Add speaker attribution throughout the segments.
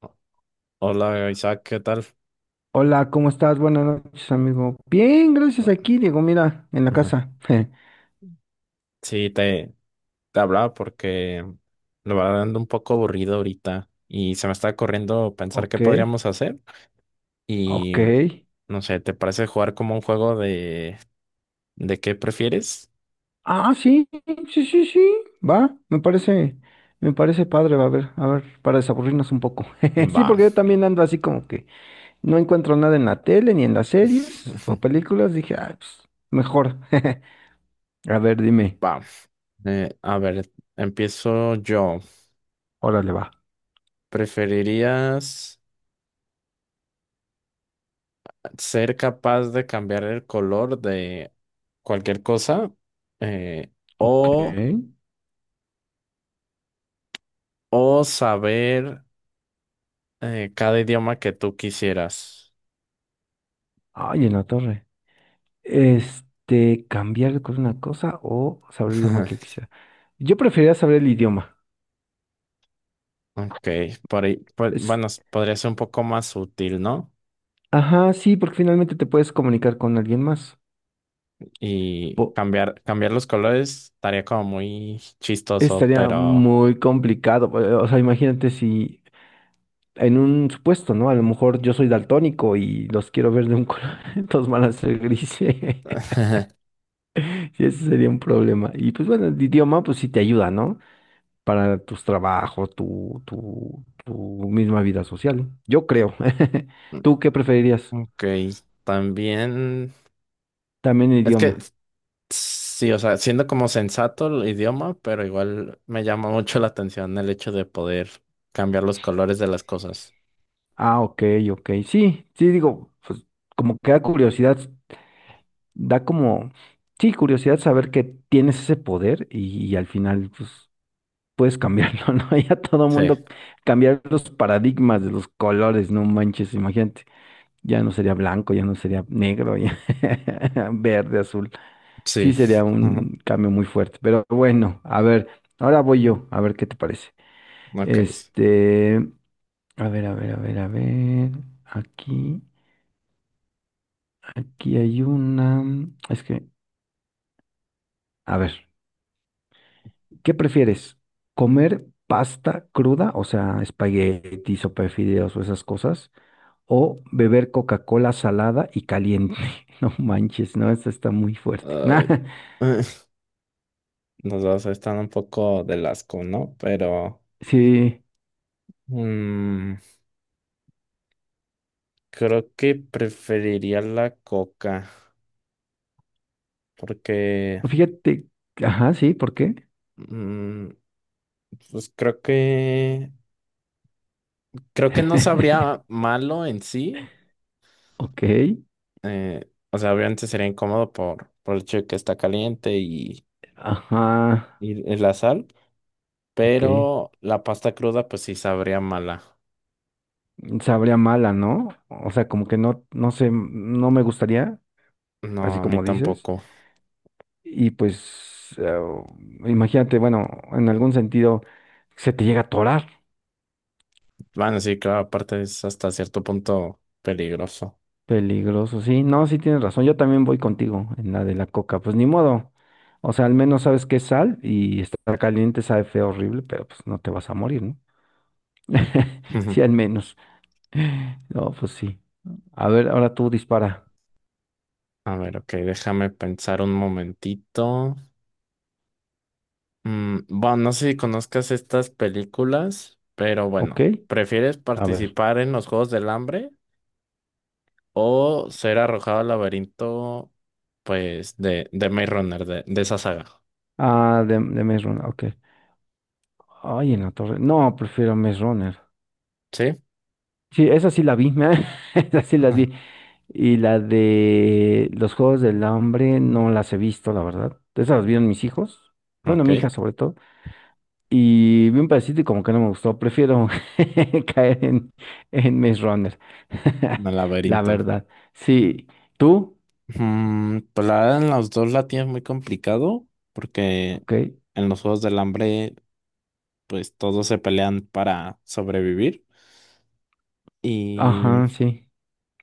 Speaker 1: O- Hola, Isaac, ¿qué tal?
Speaker 2: Hola, ¿cómo estás? Buenas noches, amigo. Bien, gracias
Speaker 1: Bu-
Speaker 2: aquí, Diego, mira, en la
Speaker 1: Ajá.
Speaker 2: casa.
Speaker 1: Sí, te hablaba porque lo va dando un poco aburrido ahorita y se me está corriendo pensar qué
Speaker 2: Ok,
Speaker 1: podríamos hacer y
Speaker 2: ok.
Speaker 1: no sé, ¿te parece jugar como un juego de qué prefieres?
Speaker 2: Ah, sí, sí, sí, sí. Va, me parece padre, va a ver, para desaburrirnos un poco. Sí,
Speaker 1: Va,
Speaker 2: porque yo también ando así como que no encuentro nada en la tele, ni en las series o películas. Dije, ah, pues, mejor. A ver, dime.
Speaker 1: va. A ver, empiezo yo.
Speaker 2: Órale, va.
Speaker 1: ¿Preferirías ser capaz de cambiar el color de cualquier cosa eh, o,
Speaker 2: Ok.
Speaker 1: o saber cada idioma que tú quisieras?
Speaker 2: Ay, en la torre. Este, cambiar con una cosa o saber el idioma que quisiera. Yo preferiría saber el idioma.
Speaker 1: Ok, por ahí, pues,
Speaker 2: Es,
Speaker 1: bueno, podría ser un poco más sutil, ¿no?
Speaker 2: ajá, sí, porque finalmente te puedes comunicar con alguien más.
Speaker 1: Y
Speaker 2: Po-
Speaker 1: cambiar los colores estaría como muy chistoso,
Speaker 2: Estaría
Speaker 1: pero...
Speaker 2: muy complicado. O sea, imagínate si en un supuesto, ¿no? A lo mejor yo soy daltónico y los quiero ver de un color, entonces van a ser grises. Y ese sería un problema. Y pues bueno, el idioma pues sí te ayuda, ¿no? Para tus trabajos, tu misma vida social. Yo creo. ¿Tú qué preferirías?
Speaker 1: Ok, también...
Speaker 2: También
Speaker 1: Es que
Speaker 2: idioma.
Speaker 1: sí, o sea, siendo como sensato el idioma, pero igual me llama mucho la atención el hecho de poder cambiar los colores de las cosas.
Speaker 2: Ah, ok, ok. Sí, sí, digo, pues como que da curiosidad, da como, sí, curiosidad saber que tienes ese poder y al final, pues, puedes cambiarlo, ¿no? Ya todo
Speaker 1: Sí,
Speaker 2: mundo cambiar los paradigmas de los colores, no manches, imagínate. Ya no sería blanco, ya no sería negro, ya verde, azul. Sí,
Speaker 1: sí.
Speaker 2: sería
Speaker 1: Ujú.
Speaker 2: un cambio muy fuerte. Pero bueno, a ver, ahora voy yo, a ver qué te parece.
Speaker 1: Ok.
Speaker 2: Este, a ver, a ver, a ver, a ver. Aquí, aquí hay una. Es que, a ver, ¿qué prefieres? ¿Comer pasta cruda, o sea, espagueti, sopa de fideos o esas cosas? ¿O beber Coca-Cola salada y caliente? No manches, no, esta está muy fuerte. Nah,
Speaker 1: Ay, nos vas a estar un poco del asco, ¿no? Pero
Speaker 2: sí,
Speaker 1: mm, creo que preferiría la coca porque
Speaker 2: fíjate, ajá, sí, ¿por qué?
Speaker 1: mm, pues creo que no sabría malo en sí.
Speaker 2: Ok.
Speaker 1: O sea, obviamente sería incómodo por el hecho de que está caliente
Speaker 2: Ajá,
Speaker 1: y la sal,
Speaker 2: ok.
Speaker 1: pero la pasta cruda pues sí sabría mala.
Speaker 2: Sabría mala, ¿no? O sea, como que no, no sé, no me gustaría, así
Speaker 1: No, a mí
Speaker 2: como dices.
Speaker 1: tampoco.
Speaker 2: Y pues, imagínate, bueno, en algún sentido se te llega a atorar.
Speaker 1: Bueno, sí, claro, aparte es hasta cierto punto peligroso.
Speaker 2: Peligroso, sí. No, sí tienes razón. Yo también voy contigo en la de la coca. Pues ni modo. O sea, al menos sabes que es sal y está caliente, sabe feo, horrible, pero pues no te vas a morir, ¿no? Sí, al menos. No, pues sí. A ver, ahora tú dispara.
Speaker 1: A ver, ok, déjame pensar un momentito. Mm, bueno, no sé si conozcas estas películas, pero
Speaker 2: ¿Ok?
Speaker 1: bueno, ¿prefieres
Speaker 2: A ver.
Speaker 1: participar en los Juegos del Hambre o ser arrojado al laberinto, pues, de Maze Runner, de esa saga?
Speaker 2: Ah, de Maze Runner, ok. Ay, en la torre. No, prefiero Maze Runner.
Speaker 1: ¿Sí?
Speaker 2: Sí, esa sí la vi, esa sí las vi. Y la de los Juegos del Hambre no las he visto, la verdad. Esas las vieron mis hijos. Bueno,
Speaker 1: Ok,
Speaker 2: mi hija
Speaker 1: el
Speaker 2: sobre todo. Y vi un pedacito y como que no me gustó. Prefiero caer en Maze Runner. La
Speaker 1: laberinto.
Speaker 2: verdad. Sí. ¿Tú?
Speaker 1: Mm, pues la verdad, en los dos la tienes muy complicado, porque
Speaker 2: Ok.
Speaker 1: en los Juegos del Hambre, pues, todos se pelean para sobrevivir. Y
Speaker 2: Ajá, sí.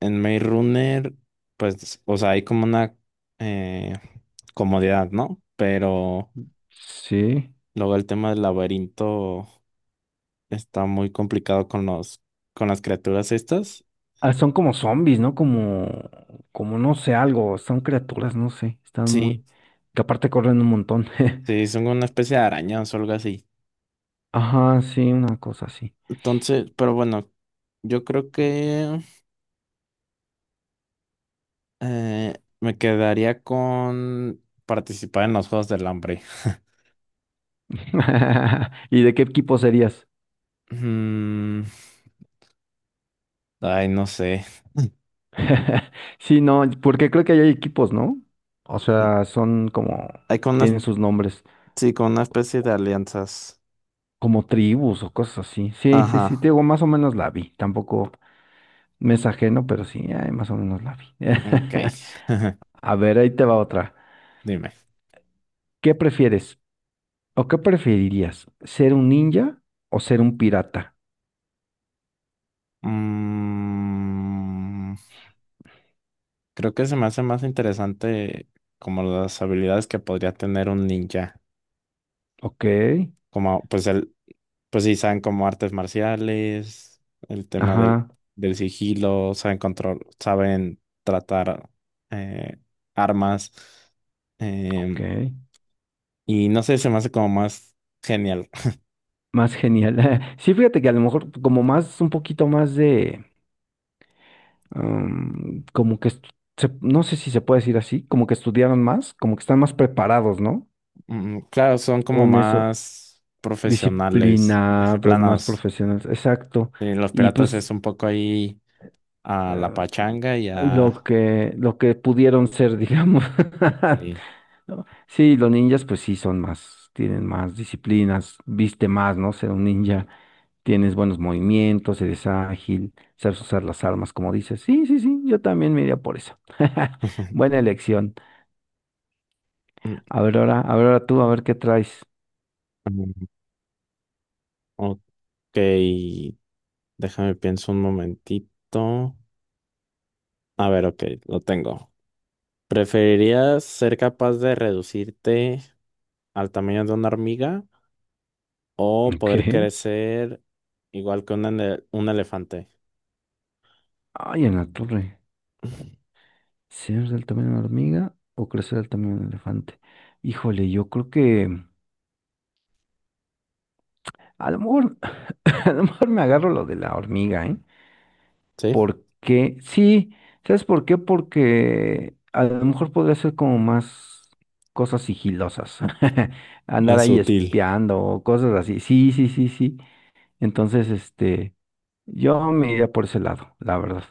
Speaker 1: en Maze Runner, pues, o sea, hay como una eh, comodidad, ¿no? Pero
Speaker 2: Sí.
Speaker 1: luego el tema del laberinto está muy complicado con con las criaturas estas.
Speaker 2: Ah, son como zombies, ¿no? Como, como no sé, algo, son criaturas, no sé, están
Speaker 1: Sí,
Speaker 2: muy, que aparte corren un montón.
Speaker 1: sí, son una especie de arañas o algo así.
Speaker 2: Ajá, sí, una cosa así.
Speaker 1: Entonces, pero bueno, yo creo que eh, me quedaría con participar en los Juegos del Hambre.
Speaker 2: ¿Y de qué equipo serías?
Speaker 1: Mm, ay, no sé.
Speaker 2: Sí, no, porque creo que ahí hay equipos, ¿no? O sea, son como,
Speaker 1: Hay con una,
Speaker 2: tienen sus nombres,
Speaker 1: sí, con una especie de alianzas.
Speaker 2: como tribus o cosas así. Sí, sí, sí,
Speaker 1: Ajá.
Speaker 2: te digo, más o menos la vi. Tampoco me es ajeno, pero sí, ay, más o menos la vi.
Speaker 1: Ok,
Speaker 2: A ver, ahí te va otra.
Speaker 1: dime.
Speaker 2: ¿Qué prefieres? ¿O qué preferirías? ¿Ser un ninja o ser un pirata?
Speaker 1: Mm, creo que se me hace más interesante como las habilidades que podría tener un ninja.
Speaker 2: Ok,
Speaker 1: Como, pues sí, saben como artes marciales, el tema
Speaker 2: ajá,
Speaker 1: del sigilo, saben control, saben tratar eh, armas.
Speaker 2: ok.
Speaker 1: em, y no sé, se me hace como más genial.
Speaker 2: Más genial. Sí, fíjate que a lo mejor como más, un poquito más de, como que, no sé si se puede decir así, como que estudiaron más, como que están más preparados, ¿no?
Speaker 1: Mm, claro, son como
Speaker 2: Con eso,
Speaker 1: más profesionales,
Speaker 2: disciplinados, más
Speaker 1: disciplinados.
Speaker 2: profesionales, exacto.
Speaker 1: Sí, los
Speaker 2: Y
Speaker 1: piratas
Speaker 2: pues,
Speaker 1: es un poco ahí a la
Speaker 2: eh,
Speaker 1: pachanga y
Speaker 2: lo
Speaker 1: a...
Speaker 2: que, lo que pudieron ser, digamos.
Speaker 1: Sí.
Speaker 2: ¿no? Sí, los ninjas pues sí son más, tienen más disciplinas, viste más, ¿no? Ser un ninja, tienes buenos movimientos, eres ágil, sabes usar las armas, como dices. Sí, sí, sí, yo también me iría por eso. Buena elección.
Speaker 1: Mm,
Speaker 2: A ver ahora tú, a ver qué traes.
Speaker 1: mm, ok, déjame pienso un momentito. A ver, ok, lo tengo. ¿Preferirías ser capaz de reducirte al tamaño de una hormiga o
Speaker 2: Ok.
Speaker 1: poder crecer igual que un, un elefante?
Speaker 2: Ay, en la torre. ¿Ser del tamaño de una hormiga o crecer del tamaño de un elefante? Híjole, yo creo que a lo mejor, a lo mejor me agarro lo de la hormiga, ¿eh?
Speaker 1: Sí,
Speaker 2: Porque, sí, ¿sabes por qué? Porque a lo mejor podría ser como más cosas sigilosas, andar
Speaker 1: más
Speaker 2: ahí
Speaker 1: útil.
Speaker 2: espiando o cosas así. Sí, sí, sí, sí. Entonces, este, yo me iría por ese lado, la verdad.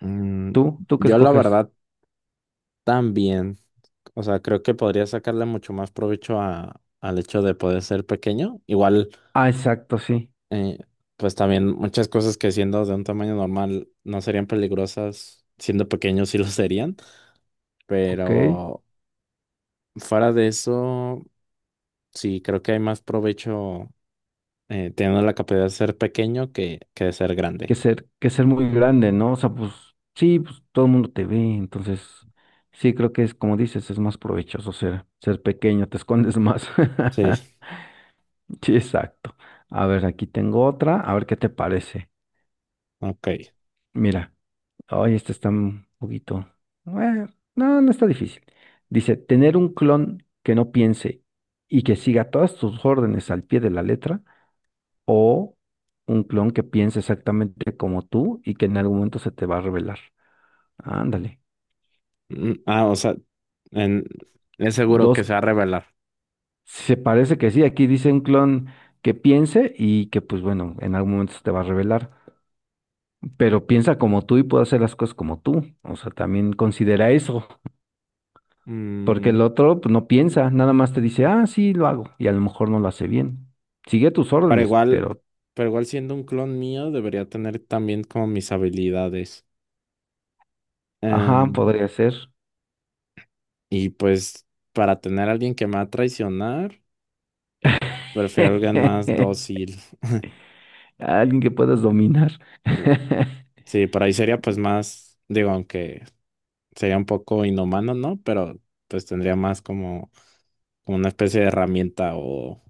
Speaker 1: Mm,
Speaker 2: ¿Tú? ¿Tú qué
Speaker 1: yo la
Speaker 2: escoges?
Speaker 1: verdad también, o sea, creo que podría sacarle mucho más provecho al hecho de poder ser pequeño. Igual,
Speaker 2: Ah, exacto, sí.
Speaker 1: eh, pues también muchas cosas que siendo de un tamaño normal no serían peligrosas, siendo pequeños sí lo serían,
Speaker 2: Ok.
Speaker 1: pero fuera de eso, sí, creo que hay más provecho teniendo la capacidad de ser pequeño que de ser
Speaker 2: Que
Speaker 1: grande.
Speaker 2: ser, que ser muy grande, ¿no? O sea, pues sí, pues todo el mundo te ve, entonces sí creo que es como dices, es más provechoso ser, ser pequeño, te escondes más.
Speaker 1: Sí,
Speaker 2: Sí, exacto. A ver, aquí tengo otra. A ver qué te parece.
Speaker 1: ok.
Speaker 2: Mira, ay, esta está un poquito. Bueno, no, no está difícil. Dice, tener un clon que no piense y que siga todas tus órdenes al pie de la letra, o un clon que piense exactamente como tú y que en algún momento se te va a revelar. Ándale.
Speaker 1: Mm, ah, o sea, en- es seguro que
Speaker 2: Dos,
Speaker 1: se va a revelar.
Speaker 2: se parece que sí. Aquí dice un clon que piense y que, pues bueno, en algún momento se te va a revelar, pero piensa como tú y puede hacer las cosas como tú. O sea, también considera eso, porque el
Speaker 1: Mm,
Speaker 2: otro pues, no piensa, nada más te dice, ah, sí, lo hago, y a lo mejor no lo hace bien. Sigue tus
Speaker 1: Pero
Speaker 2: órdenes,
Speaker 1: igual,
Speaker 2: pero,
Speaker 1: pero igual siendo un clon mío, debería tener también como mis habilidades.
Speaker 2: ajá,
Speaker 1: Em,
Speaker 2: podría ser.
Speaker 1: y pues para tener a alguien que me va a traicionar, prefiero alguien más dócil.
Speaker 2: Alguien que puedas dominar.
Speaker 1: Mm, sí, por ahí sería pues más, digo, aunque sería un poco inhumano, ¿no? Pero pues tendría más como, como una especie de herramienta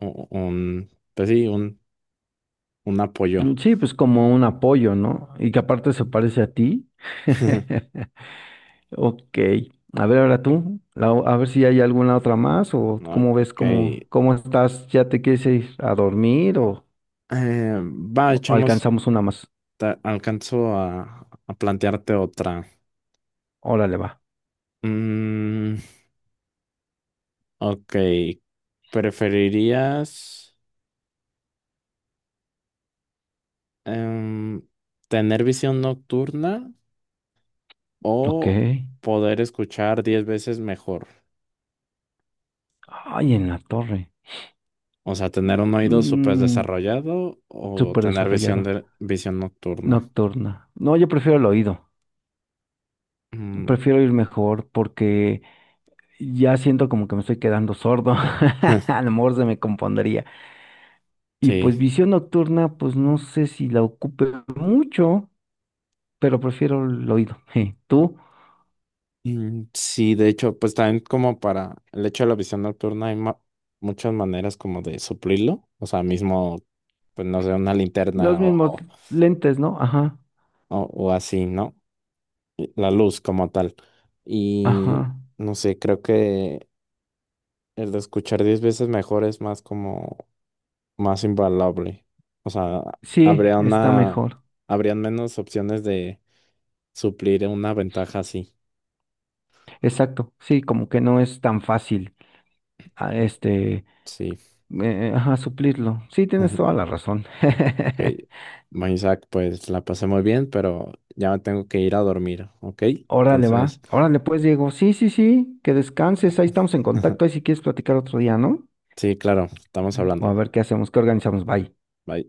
Speaker 1: un, pues sí, un apoyo.
Speaker 2: Sí, pues como un apoyo, ¿no? Y que aparte se parece a ti. Ok. A ver, ahora tú, a ver si hay alguna otra más o
Speaker 1: No,
Speaker 2: cómo ves,
Speaker 1: ok.
Speaker 2: cómo, cómo estás, ¿ya te quieres ir a dormir o
Speaker 1: Va, echamos.
Speaker 2: alcanzamos una más?
Speaker 1: Alcanzo a plantearte otra.
Speaker 2: Órale, va.
Speaker 1: Mm, ok, ¿preferirías em, tener visión nocturna
Speaker 2: Ok.
Speaker 1: o poder escuchar 10 veces mejor?
Speaker 2: Ay, en la torre.
Speaker 1: O sea, tener un oído súper
Speaker 2: Mm,
Speaker 1: desarrollado o
Speaker 2: súper
Speaker 1: tener visión
Speaker 2: desarrollado.
Speaker 1: de visión nocturna.
Speaker 2: Nocturna. No, yo prefiero el oído.
Speaker 1: Mm,
Speaker 2: Prefiero ir mejor porque ya siento como que me estoy quedando sordo. A lo mejor se me compondría. Y
Speaker 1: sí.
Speaker 2: pues visión nocturna, pues no sé si la ocupe mucho, pero prefiero el oído. Je, tú,
Speaker 1: Mm, sí, de hecho, pues también como para el hecho de la visión nocturna hay muchas maneras como de suplirlo, o sea, mismo, pues no sé, una
Speaker 2: los
Speaker 1: linterna
Speaker 2: mismos lentes, ¿no? Ajá,
Speaker 1: o así, ¿no? Y la luz como tal. Y
Speaker 2: ajá.
Speaker 1: no sé, creo que el de escuchar 10 veces mejor es más como más invaluable. O sea,
Speaker 2: Sí,
Speaker 1: habría
Speaker 2: está
Speaker 1: una,
Speaker 2: mejor.
Speaker 1: habrían menos opciones de suplir una ventaja así.
Speaker 2: Exacto. Sí, como que no es tan fácil. a este,
Speaker 1: Sí.
Speaker 2: ajá, suplirlo. Sí, tienes toda la razón.
Speaker 1: Ok, bueno, Isaac, pues la pasé muy bien, pero ya me tengo que ir a dormir, ¿ok?
Speaker 2: Órale, va.
Speaker 1: Entonces,
Speaker 2: Órale, pues, Diego. Sí, sí, sí, que descanses. Ahí estamos en contacto. Ahí si quieres platicar otro día, ¿no?
Speaker 1: sí, claro, estamos
Speaker 2: O a
Speaker 1: hablando.
Speaker 2: ver qué hacemos, qué organizamos. Bye.
Speaker 1: Bye.